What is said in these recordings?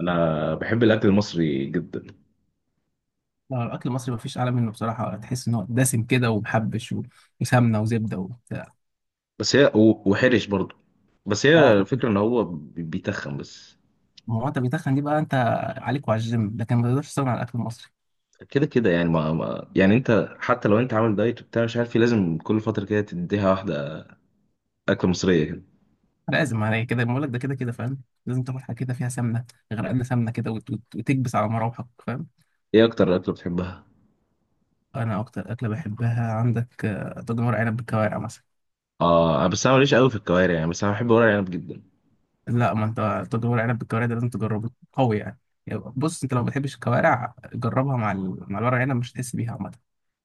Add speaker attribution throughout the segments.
Speaker 1: انا بحب الاكل المصري جدا.
Speaker 2: لا، الأكل المصري مفيش أعلى منه بصراحة. تحس إن هو دسم كده ومحبش وسمنة وزبدة وبتاع.
Speaker 1: بس هي وحرش برضه. بس هي
Speaker 2: أه،
Speaker 1: الفكره ان هو بيتخن بس.
Speaker 2: ما هو أنت بيتخن دي بقى. أنت عليك وعلى الجيم، لكن ما تقدرش تستغنى عن الأكل المصري.
Speaker 1: كده كده يعني ما يعني انت حتى لو انت عامل دايت وبتاع مش عارف إيه، لازم كل فتره كده تديها واحده، اكله مصريه كده.
Speaker 2: لازم عليك كده، بقول لك ده، كده كده فاهم، لازم تاكل حاجة كده فيها سمنة، غرقانة سمنة كده وتكبس على مراوحك، فاهم؟
Speaker 1: ايه اكتر اكله بتحبها؟
Speaker 2: أنا أكتر أكلة بحبها عندك طاجن ورق عنب بالكوارع مثلا.
Speaker 1: اه، بس انا ماليش قوي في الكوارع يعني، بس انا بحب ورق العنب جدا.
Speaker 2: لا ما أنت، طاجن ورق عنب بالكوارع ده لازم تجربه قوي يعني. يعني بص، أنت لو ما بتحبش الكوارع جربها مع الورق عنب، مش هتحس بيها عامة.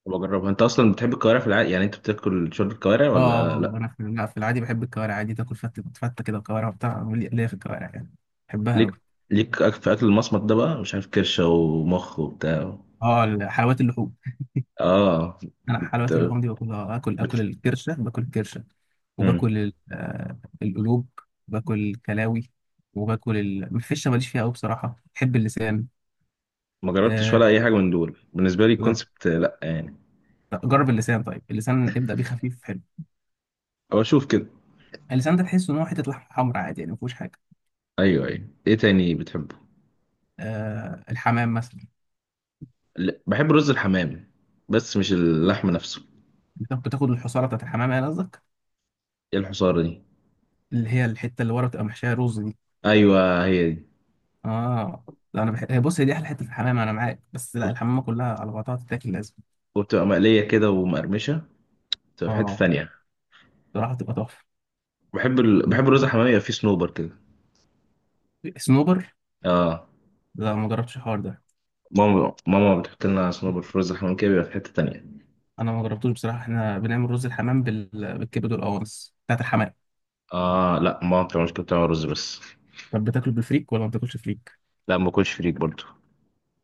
Speaker 1: وبجربها، انت اصلا بتحب الكوارع في العادي؟ يعني انت بتاكل شوربه كوارع
Speaker 2: اه،
Speaker 1: ولا لا؟
Speaker 2: انا لا، في العادي بحب الكوارع عادي. تاكل فته فته كده وكوارع وبتاع، ليا ليا في الكوارع يعني، بحبها قوي.
Speaker 1: ليك ليك في اكل المصمت ده بقى، مش عارف، كرشه ومخ وبتاع؟
Speaker 2: اه، حلويات اللحوم.
Speaker 1: اه،
Speaker 2: انا حلويات اللحوم دي باكلها، اكل
Speaker 1: بت...
Speaker 2: الكرشه، باكل الكرشه
Speaker 1: بت...
Speaker 2: وباكل القلوب، باكل الكلاوي، وباكل الفشه ماليش فيها قوي بصراحه، بحب اللسان.
Speaker 1: ما جربتش
Speaker 2: آه،
Speaker 1: ولا اي حاجه من دول، بالنسبه لي
Speaker 2: لا،
Speaker 1: الكونسبت لا يعني.
Speaker 2: جرب اللسان طيب، اللسان ابدا بيه خفيف حلو.
Speaker 1: او اشوف كده.
Speaker 2: اللسان ده تحس ان هو حته لحمه حمراء عادي يعني، ما فيهوش حاجه.
Speaker 1: ايوه ايوه، ايه تاني بتحبه؟
Speaker 2: الحمام مثلا.
Speaker 1: لا، بحب رز الحمام، بس مش اللحم نفسه.
Speaker 2: بتاخد الحصاره بتاعت الحمام يعني قصدك؟
Speaker 1: ايه الحصار دي؟
Speaker 2: اللي هي الحته اللي ورا بتبقى محشيه رز دي.
Speaker 1: ايوه هي دي.
Speaker 2: اه، لا، انا هي دي احلى حته في الحمام، انا معاك، بس لا،
Speaker 1: وبت-
Speaker 2: الحمامه كلها على بعضها تتاكل لازم.
Speaker 1: وبتبقى مقليه كده ومقرمشه، بتبقى في حته
Speaker 2: اه،
Speaker 1: ثانيه.
Speaker 2: بصراحه تبقى تحفه.
Speaker 1: بحب الرز الحمام يبقى فيه صنوبر كده.
Speaker 2: سنوبر.
Speaker 1: اه.
Speaker 2: لا، ما جربتش الحوار ده.
Speaker 1: ماما ماما بتحط لنا صنوبر في رز الحمام كده، بيبقى في حته تانيه.
Speaker 2: انا ما جربتوش بصراحه، احنا بنعمل رز الحمام بالكبد والقوانص بتاعت الحمام.
Speaker 1: اه لا، ماما ما بتعملش كده، بتعمل رز بس.
Speaker 2: طب بتاكله بالفريك ولا ما بتاكلش فريك؟
Speaker 1: لا ما باكلش فريك برضو.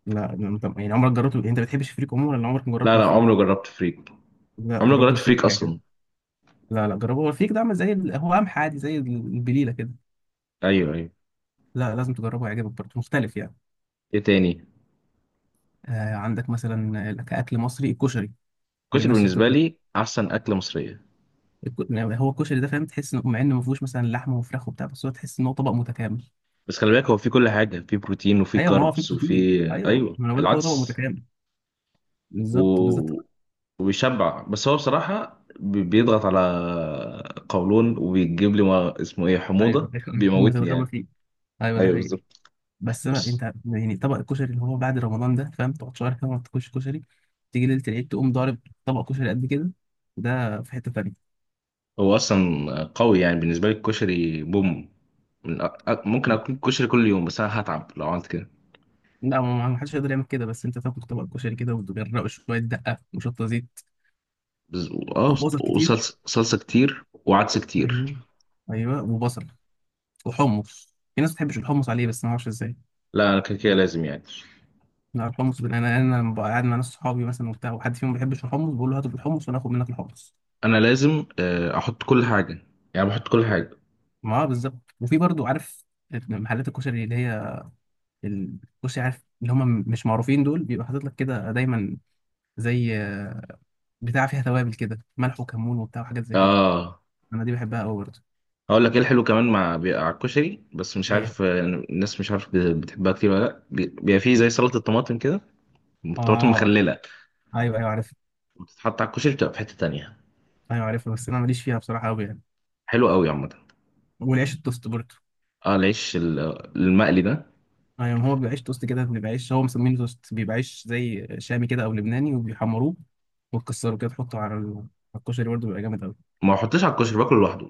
Speaker 2: لا، انت يعني عمرك جربته؟ انت بتحبش الفريك عموما ولا عمرك ما جربته
Speaker 1: لا لا،
Speaker 2: بالفريك؟
Speaker 1: عمري ما جربت فريك.
Speaker 2: لا
Speaker 1: عمري ما
Speaker 2: جربه
Speaker 1: جربت
Speaker 2: بالفريك
Speaker 1: فريك
Speaker 2: هيعجبك.
Speaker 1: اصلا.
Speaker 2: لا لا، جربه، هو الفريك ده عامل هو قمح عادي زي البليله كده.
Speaker 1: ايوه ايوه،
Speaker 2: لا لازم تجربه هيعجبك، برضه مختلف يعني.
Speaker 1: ايه تاني؟
Speaker 2: عندك مثلا كأكل مصري الكشري. ما
Speaker 1: الكشري
Speaker 2: جبناش سيرة
Speaker 1: بالنسبة
Speaker 2: الكشري.
Speaker 1: لي أحسن أكلة مصرية.
Speaker 2: يعني هو الكشري ده فاهم، تحس انه مع انه ما فيهوش مثلا لحمه وفراخ وبتاع، بس هو تحس ان هو طبق متكامل.
Speaker 1: بس خلي بالك هو فيه كل حاجة، فيه بروتين وفيه
Speaker 2: ايوه، ما هو فيه
Speaker 1: كاربس
Speaker 2: بروتين،
Speaker 1: وفيه
Speaker 2: ايوه، ما انا بقول لك هو طبق
Speaker 1: العدس.
Speaker 2: متكامل. بالظبط بالظبط.
Speaker 1: و... وبيشبع، بس هو بصراحة بيضغط على قولون وبيجيب لي ما اسمه إيه،
Speaker 2: ايوه
Speaker 1: حموضة،
Speaker 2: أيوة، هم
Speaker 1: بيموتني
Speaker 2: تتغابى
Speaker 1: يعني.
Speaker 2: فيه. ايوه ده
Speaker 1: أيوه
Speaker 2: حقيقي.
Speaker 1: بالظبط.
Speaker 2: بس انا
Speaker 1: بس
Speaker 2: انت يعني طبق الكشري اللي هو بعد رمضان ده فاهم، تقعد شهر كده ما تاكلش كشري، تيجي ليله العيد تقوم ضارب طبق كشري قد كده، ده في حته تانيه.
Speaker 1: هو أصلا قوي، يعني بالنسبة لي الكشري بوم. ممكن أكل كشري كل يوم، بس أنا هتعب لو عملت كده.
Speaker 2: لا، ما حدش يقدر يعمل كده، بس انت تاكل طبق كشري كده وتغرقه شويه دقه وشطه زيت
Speaker 1: بس... آه
Speaker 2: وبصل كتير.
Speaker 1: وصلصة صلصة كتير وعدس كتير.
Speaker 2: ايوه، ايوه وبصل. وحمص، في ناس ما بتحبش الحمص عليه، بس ما اعرفش ازاي.
Speaker 1: لا أنا كده كده لازم يعني.
Speaker 2: لا، الحمص انا لما ببقى قاعد مع ناس صحابي مثلا وبتاع، وحد فيهم ما بيحبش الحمص بقول له هاتوا بالحمص، وانا اخد منك الحمص.
Speaker 1: انا لازم احط كل حاجه، يعني بحط كل حاجه.
Speaker 2: ما هو بالظبط. وفي برضو، عارف، محلات الكشري اللي هي الكشري، عارف اللي هم مش معروفين دول، بيبقى حاطط لك كده دايما زي بتاع فيها توابل كده، ملح وكمون وبتاع وحاجات زي كده.
Speaker 1: اه.
Speaker 2: انا دي بحبها قوي برضه.
Speaker 1: هقول لك ايه الحلو كمان، مع بيبقى على الكشري بس مش
Speaker 2: ايه.
Speaker 1: عارف الناس، مش عارف بتحبها كتير ولا لا، بيبقى فيه زي سلطه الطماطم كده، الطماطم
Speaker 2: اه.
Speaker 1: مخلله،
Speaker 2: ايوه ايوه، عارف.
Speaker 1: بتتحط على الكشري، بتبقى في حته تانية.
Speaker 2: ايوه عارفها، بس انا ماليش فيها بصراحه قوي يعني.
Speaker 1: حلو قوي عامه.
Speaker 2: والعيش التوست برضه.
Speaker 1: اه، العيش المقلي ده،
Speaker 2: اه، يعني هو بيبقى عيش توست كده، بيبقى عيش هو مسمينه توست، بيبقى عيش زي شامي كده او لبناني، وبيحمروه وتكسره كده، تحطه على الكشري برضه، بيبقى جامد قوي.
Speaker 1: ما احطش على الكشري، باكله لوحده.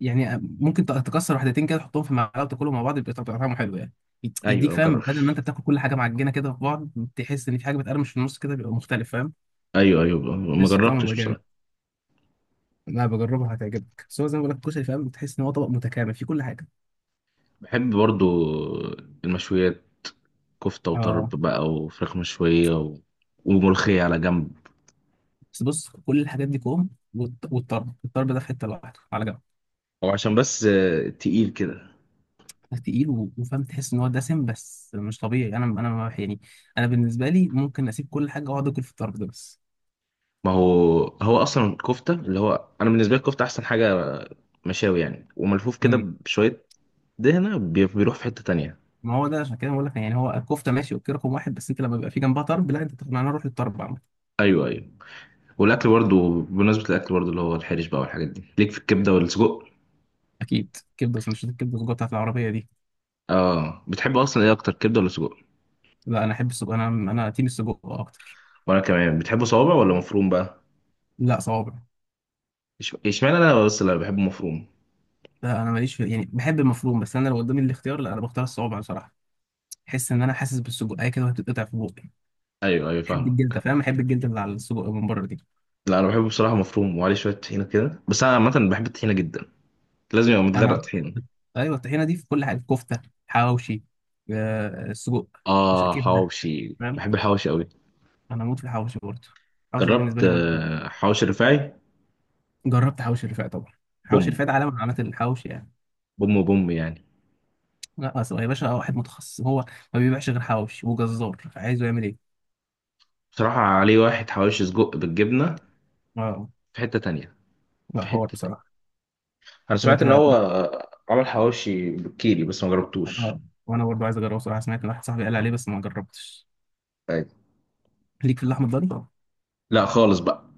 Speaker 2: يعني ممكن تكسر واحدتين كده تحطهم في معلقه وتاكلهم مع بعض، بيبقى طعمه حلو يعني، يديك
Speaker 1: ايوه ما
Speaker 2: فاهم، بدل ما
Speaker 1: جربش.
Speaker 2: انت بتاكل كل حاجه معجنه كده في بعض، تحس ان في حاجه بتقرمش في النص كده، بيبقى مختلف فاهم،
Speaker 1: ايوه ايوه ما
Speaker 2: تحس بطعمه
Speaker 1: جربتش
Speaker 2: بيبقى جامد.
Speaker 1: بصراحه.
Speaker 2: لا بجربها هتعجبك، بس هو زي ما بقول لك الكشري فاهم، تحس ان هو طبق متكامل فيه كل حاجه.
Speaker 1: بحب برضو المشويات، كفته وطرب
Speaker 2: اه،
Speaker 1: بقى وفراخ مشويه وملوخيه على جنب.
Speaker 2: بس بص كل الحاجات دي كوم والطرب. الطرب ده في حته لوحده على جنب.
Speaker 1: هو عشان بس تقيل كده.
Speaker 2: تقيل وفاهم، تحس ان هو دسم بس مش طبيعي. انا ما بح- يعني انا بالنسبه لي ممكن اسيب كل حاجه واقعد اكل في الطرب ده بس.
Speaker 1: ما هو، هو اصلا الكفته اللي هو، انا بالنسبه لي الكفته احسن حاجه، مشاوي يعني وملفوف كده
Speaker 2: امم.
Speaker 1: بشويه دهنه بيروح في حته تانية.
Speaker 2: ما هو ده عشان كده بقول لك، يعني هو الكفته ماشي اوكي رقم واحد، بس انت لما بيبقى في جنبها طرب، لا انت تاخد معانا روح للطرب عامه.
Speaker 1: ايوه ايوه. والاكل برضو، بمناسبه الاكل برضو اللي هو الحرش بقى والحاجات دي، ليك في الكبده والسجق؟
Speaker 2: اكيد، كبده سندوتشات الكبده الجوه بتاعت العربيه دي.
Speaker 1: اه، بتحب اصلا ايه اكتر، كبده ولا سجق؟
Speaker 2: لا انا احب السجق، انا تيم السجق اكتر.
Speaker 1: وانا كمان بتحبه صوابع ولا مفروم بقى؟
Speaker 2: لا صوابع.
Speaker 1: اشمعنى انا بس اللي بحبه مفروم؟
Speaker 2: لا انا ماليش في، يعني بحب المفروم، بس انا لو قدامي الاختيار لا انا بختار الصوابع بصراحه. احس ان انا حاسس بالسجق اي كده، وهتتقطع في بوقي.
Speaker 1: ايوه ايوه
Speaker 2: احب الجلده
Speaker 1: فاهمك.
Speaker 2: فاهم، احب الجلده اللي على السجق من بره دي.
Speaker 1: لا انا بحبه بصراحه مفروم، وعليه شويه طحينه كده، بس انا عامه بحب الطحينه جدا. لازم يبقى
Speaker 2: يعني
Speaker 1: متغرق
Speaker 2: انا
Speaker 1: طحينه.
Speaker 2: ايوه، الطحينه دي في كل حاجه، في كفته، حواوشي، سجق، مش
Speaker 1: اه،
Speaker 2: كبده.
Speaker 1: حواوشي،
Speaker 2: تمام.
Speaker 1: بحب الحواوشي قوي.
Speaker 2: انا اموت في الحواوشي برضه. الحواوشي ده بالنسبه
Speaker 1: جربت
Speaker 2: لي برضه.
Speaker 1: حواوشي رفاعي؟
Speaker 2: جربت حواوشي الرفاعي طبعا، حواوشي
Speaker 1: بوم
Speaker 2: الرفاعي ده علامه من علامات الحواوشي يعني.
Speaker 1: بوم بوم يعني.
Speaker 2: لا اصل هو يا باشا واحد متخصص هو، ما بيبيعش غير حواوشي، وجزار عايزه يعمل ايه.
Speaker 1: بصراحة عليه واحد، حواوشي سجق بالجبنة،
Speaker 2: اه،
Speaker 1: في حتة تانية.
Speaker 2: لا،
Speaker 1: في
Speaker 2: حوار
Speaker 1: حتة تانية.
Speaker 2: بصراحه.
Speaker 1: انا
Speaker 2: طب
Speaker 1: سمعت
Speaker 2: انت
Speaker 1: ان هو عمل حواوشي بالكيري بس ما جربتوش.
Speaker 2: اه، وانا برضه عايز اجربه بصراحه، سمعت ان واحد صاحبي قال عليه بس ما جربتش.
Speaker 1: أيوة.
Speaker 2: ليك في اللحمه الضاني؟
Speaker 1: لا خالص بقى،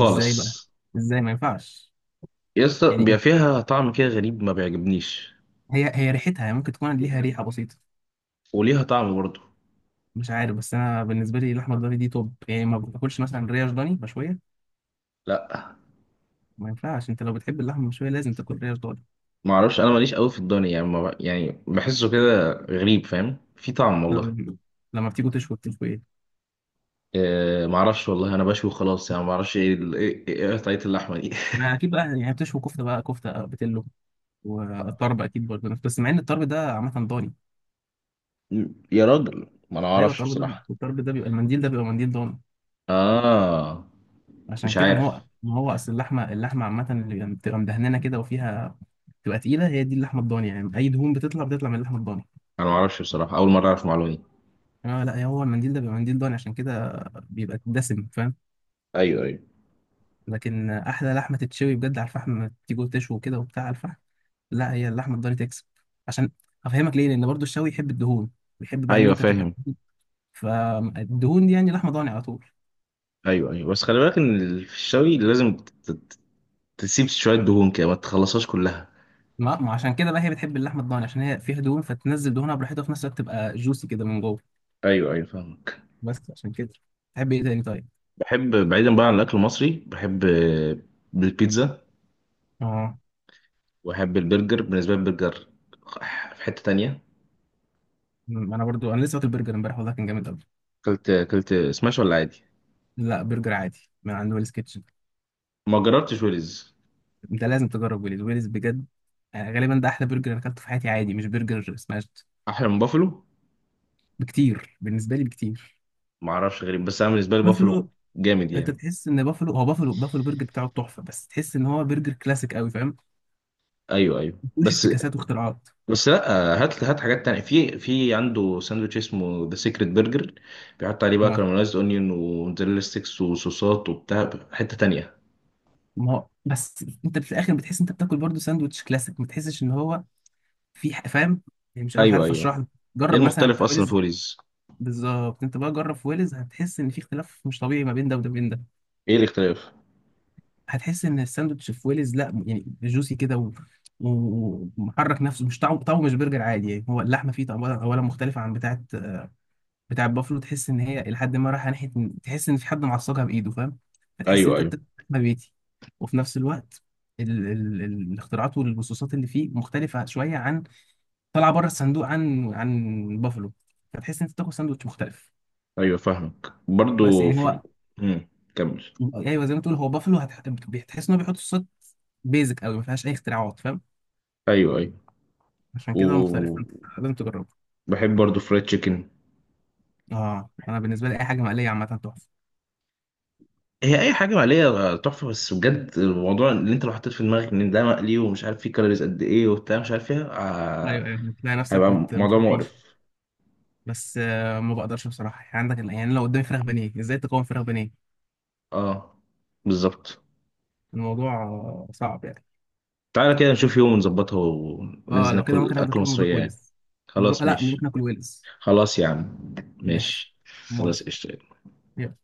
Speaker 2: ازاي بقى؟ ازاي ما ينفعش؟
Speaker 1: يسطا
Speaker 2: يعني
Speaker 1: بيبقى فيها طعم كده غريب، ما بيعجبنيش،
Speaker 2: هي ريحتها يعني ممكن تكون ليها ريحه بسيطه.
Speaker 1: وليها طعم برضه.
Speaker 2: مش عارف، بس انا بالنسبه لي اللحمه الضاني دي توب يعني، ما باكلش مثلا ريش ضاني مشويه؟
Speaker 1: لا
Speaker 2: ما ينفعش، انت لو بتحب اللحمه المشويه لازم تاكل ريش ضاني.
Speaker 1: ما اعرفش، انا ماليش قوي في الضاني يعني، ما ب- يعني بحسه كده غريب، فاهم، في طعم والله.
Speaker 2: طب لما بتيجوا تشوي بتشوي ايه؟
Speaker 1: معرفش والله، انا بشوي خلاص يعني، معرفش ايه ال- ايه إيه قطعية اللحمة دي
Speaker 2: ما اكيد بقى يعني بتشوي كفته بقى، كفته بتلو، والطرب اكيد برضه، بس مع ان الطرب ده عامه ضاني.
Speaker 1: يا راجل ما انا
Speaker 2: ايوه
Speaker 1: اعرفش
Speaker 2: الطرب ده
Speaker 1: بصراحة.
Speaker 2: الطرب ده بيبقى المنديل ده بيبقى منديل ضاني
Speaker 1: اه،
Speaker 2: عشان
Speaker 1: مش
Speaker 2: كده. ما هو
Speaker 1: عارف،
Speaker 2: ما هو اصل اللحمه عامه اللي بتبقى مدهننه كده وفيها، تبقى تقيله، هي دي اللحمه الضاني يعني، اي دهون بتطلع من اللحمه الضاني.
Speaker 1: انا معرفش بصراحة، اول مرة اعرف معلومة دي.
Speaker 2: اه لا، هو المنديل ده بيبقى منديل ضاني عشان كده، بيبقى دسم فاهم.
Speaker 1: ايوه ايوه
Speaker 2: لكن احلى لحمه تتشوي بجد على الفحم، تيجي تشوي كده وبتاع على الفحم، لا هي اللحمه الضاني تكسب. عشان افهمك ليه، لان برضو الشوي يحب الدهون، بيحب بقى ان
Speaker 1: ايوه
Speaker 2: انت تبقى،
Speaker 1: فاهم.
Speaker 2: فالدهون دي يعني لحمه ضاني على طول.
Speaker 1: ايوه ايوه، بس خلي بالك ان في الشوي لازم تسيب شوية دهون كده، ما تخلصهاش كلها.
Speaker 2: ما عشان كده بقى هي بتحب اللحمه الضاني، عشان هي فيها دهون فتنزل دهونها براحتها، وفي نفس الوقت تبقى جوسي كده من جوه.
Speaker 1: ايوه ايوه فاهمك.
Speaker 2: بس عشان كده. تحب ايه تاني طيب؟
Speaker 1: بحب بعيدا بقى عن الاكل المصري، بحب البيتزا،
Speaker 2: اه،
Speaker 1: واحب البرجر. بالنسبه لي البرجر في حته تانية.
Speaker 2: انا برضو، لسه واكل برجر امبارح والله كان جامد قوي.
Speaker 1: اكلت سماش ولا عادي؟
Speaker 2: لا برجر عادي من عند ويلز كيتشن.
Speaker 1: ما جربتش ويلز.
Speaker 2: انت لازم تجرب ويلز، ويلز بجد، يعني غالبا ده احلى برجر انا اكلته في حياتي، عادي مش برجر سماش.
Speaker 1: احلى من بافلو؟
Speaker 2: بكتير بالنسبه لي بكتير.
Speaker 1: ما اعرفش، غريب، بس انا بالنسبه لي بافلو
Speaker 2: بافلو.
Speaker 1: جامد
Speaker 2: انت
Speaker 1: يعني.
Speaker 2: تحس ان بافلو هو بافلو برجر بتاعه تحفه، بس تحس ان هو برجر كلاسيك قوي فاهم،
Speaker 1: ايوه ايوه،
Speaker 2: ما فيهوش
Speaker 1: بس
Speaker 2: افتكاسات واختراعات.
Speaker 1: بس لا، هات هات حاجات تانية، في عنده ساندوتش اسمه ذا سيكريت برجر، بيحط عليه بقى
Speaker 2: آه.
Speaker 1: كراميلايزد اونيون وموتزاريلا ستيكس وصوصات وبتاع، حته تانية.
Speaker 2: ما هو بس انت في الاخر بتحس انت بتاكل برضه ساندوتش كلاسيك، ما تحسش ان هو فاهم، يعني مش
Speaker 1: ايوه
Speaker 2: عارف
Speaker 1: ايوه،
Speaker 2: اشرح لك.
Speaker 1: ايه
Speaker 2: جرب مثلا
Speaker 1: المختلف
Speaker 2: بتاع
Speaker 1: اصلا في
Speaker 2: ويلز.
Speaker 1: وليز؟
Speaker 2: بالظبط، انت بقى جرب في ويلز هتحس ان في اختلاف مش طبيعي ما بين ده وده، بين ده.
Speaker 1: ايه الاختلاف؟
Speaker 2: هتحس ان الساندوتش في ويلز، لا يعني جوسي كده ومحرك نفسه، مش طعمه، طعمه مش برجر عادي يعني، هو اللحمه فيه طبعا اولا مختلفه عن بتاعه، بتاع بافلو. تحس ان هي لحد ما رايحه ناحيه تحس ان في حد معصقها بايده فاهم، فتحس ان
Speaker 1: ايوه
Speaker 2: انت
Speaker 1: ايوه
Speaker 2: بتاكل لحمه بيتي. وفي نفس الوقت، ال ال ال الاختراعات والبصوصات اللي فيه مختلفه شويه عن، طالعه بره الصندوق، عن بافلو، فتحس ان انت بتاكل ساندوتش مختلف.
Speaker 1: ايوه فاهمك
Speaker 2: بس
Speaker 1: برضو
Speaker 2: يعني
Speaker 1: في.
Speaker 2: هو،
Speaker 1: مم. كمل.
Speaker 2: ايوه زي ما تقول هو بافلو، بتحس ان هو بيحط صوصات بيزك قوي، ما فيهاش اي اختراعات فاهم.
Speaker 1: ايوه ايوه.
Speaker 2: عشان كده هو مختلف، فانت لازم تجربه.
Speaker 1: وبحب برضو فرايد تشيكن.
Speaker 2: اه، انا بالنسبه لي اي حاجه مقليه عامه تحفه.
Speaker 1: هي اي حاجه مقليه تحفه بس بجد، الموضوع اللي انت لو حطيت في دماغك ان ده مقلي ومش عارف فيه كالوريز قد ايه وبتاع، مش عارف ايه
Speaker 2: ايوه
Speaker 1: آه،
Speaker 2: ايوه بتلاقي نفسك
Speaker 1: هيبقى موضوع
Speaker 2: مش هتعيش.
Speaker 1: مقرف.
Speaker 2: بس ما بقدرش بصراحة يعني، عندك يعني لو قدامي فراخ بانيه ازاي تقاوم فراخ بانيه،
Speaker 1: اه بالظبط.
Speaker 2: الموضوع صعب يعني.
Speaker 1: تعالى كده نشوف يوم ونظبطها
Speaker 2: اه
Speaker 1: وننزل
Speaker 2: لو كده
Speaker 1: ناكل
Speaker 2: ممكن
Speaker 1: اكل
Speaker 2: اخدك يوم نروح
Speaker 1: مصريه يعني.
Speaker 2: ويلز، نروح،
Speaker 1: خلاص
Speaker 2: لا نروح
Speaker 1: ماشي.
Speaker 2: ناكل ويلز.
Speaker 1: خلاص يا عم،
Speaker 2: ماشي،
Speaker 1: ماشي. خلاص
Speaker 2: موافق،
Speaker 1: قشطة.
Speaker 2: يلا.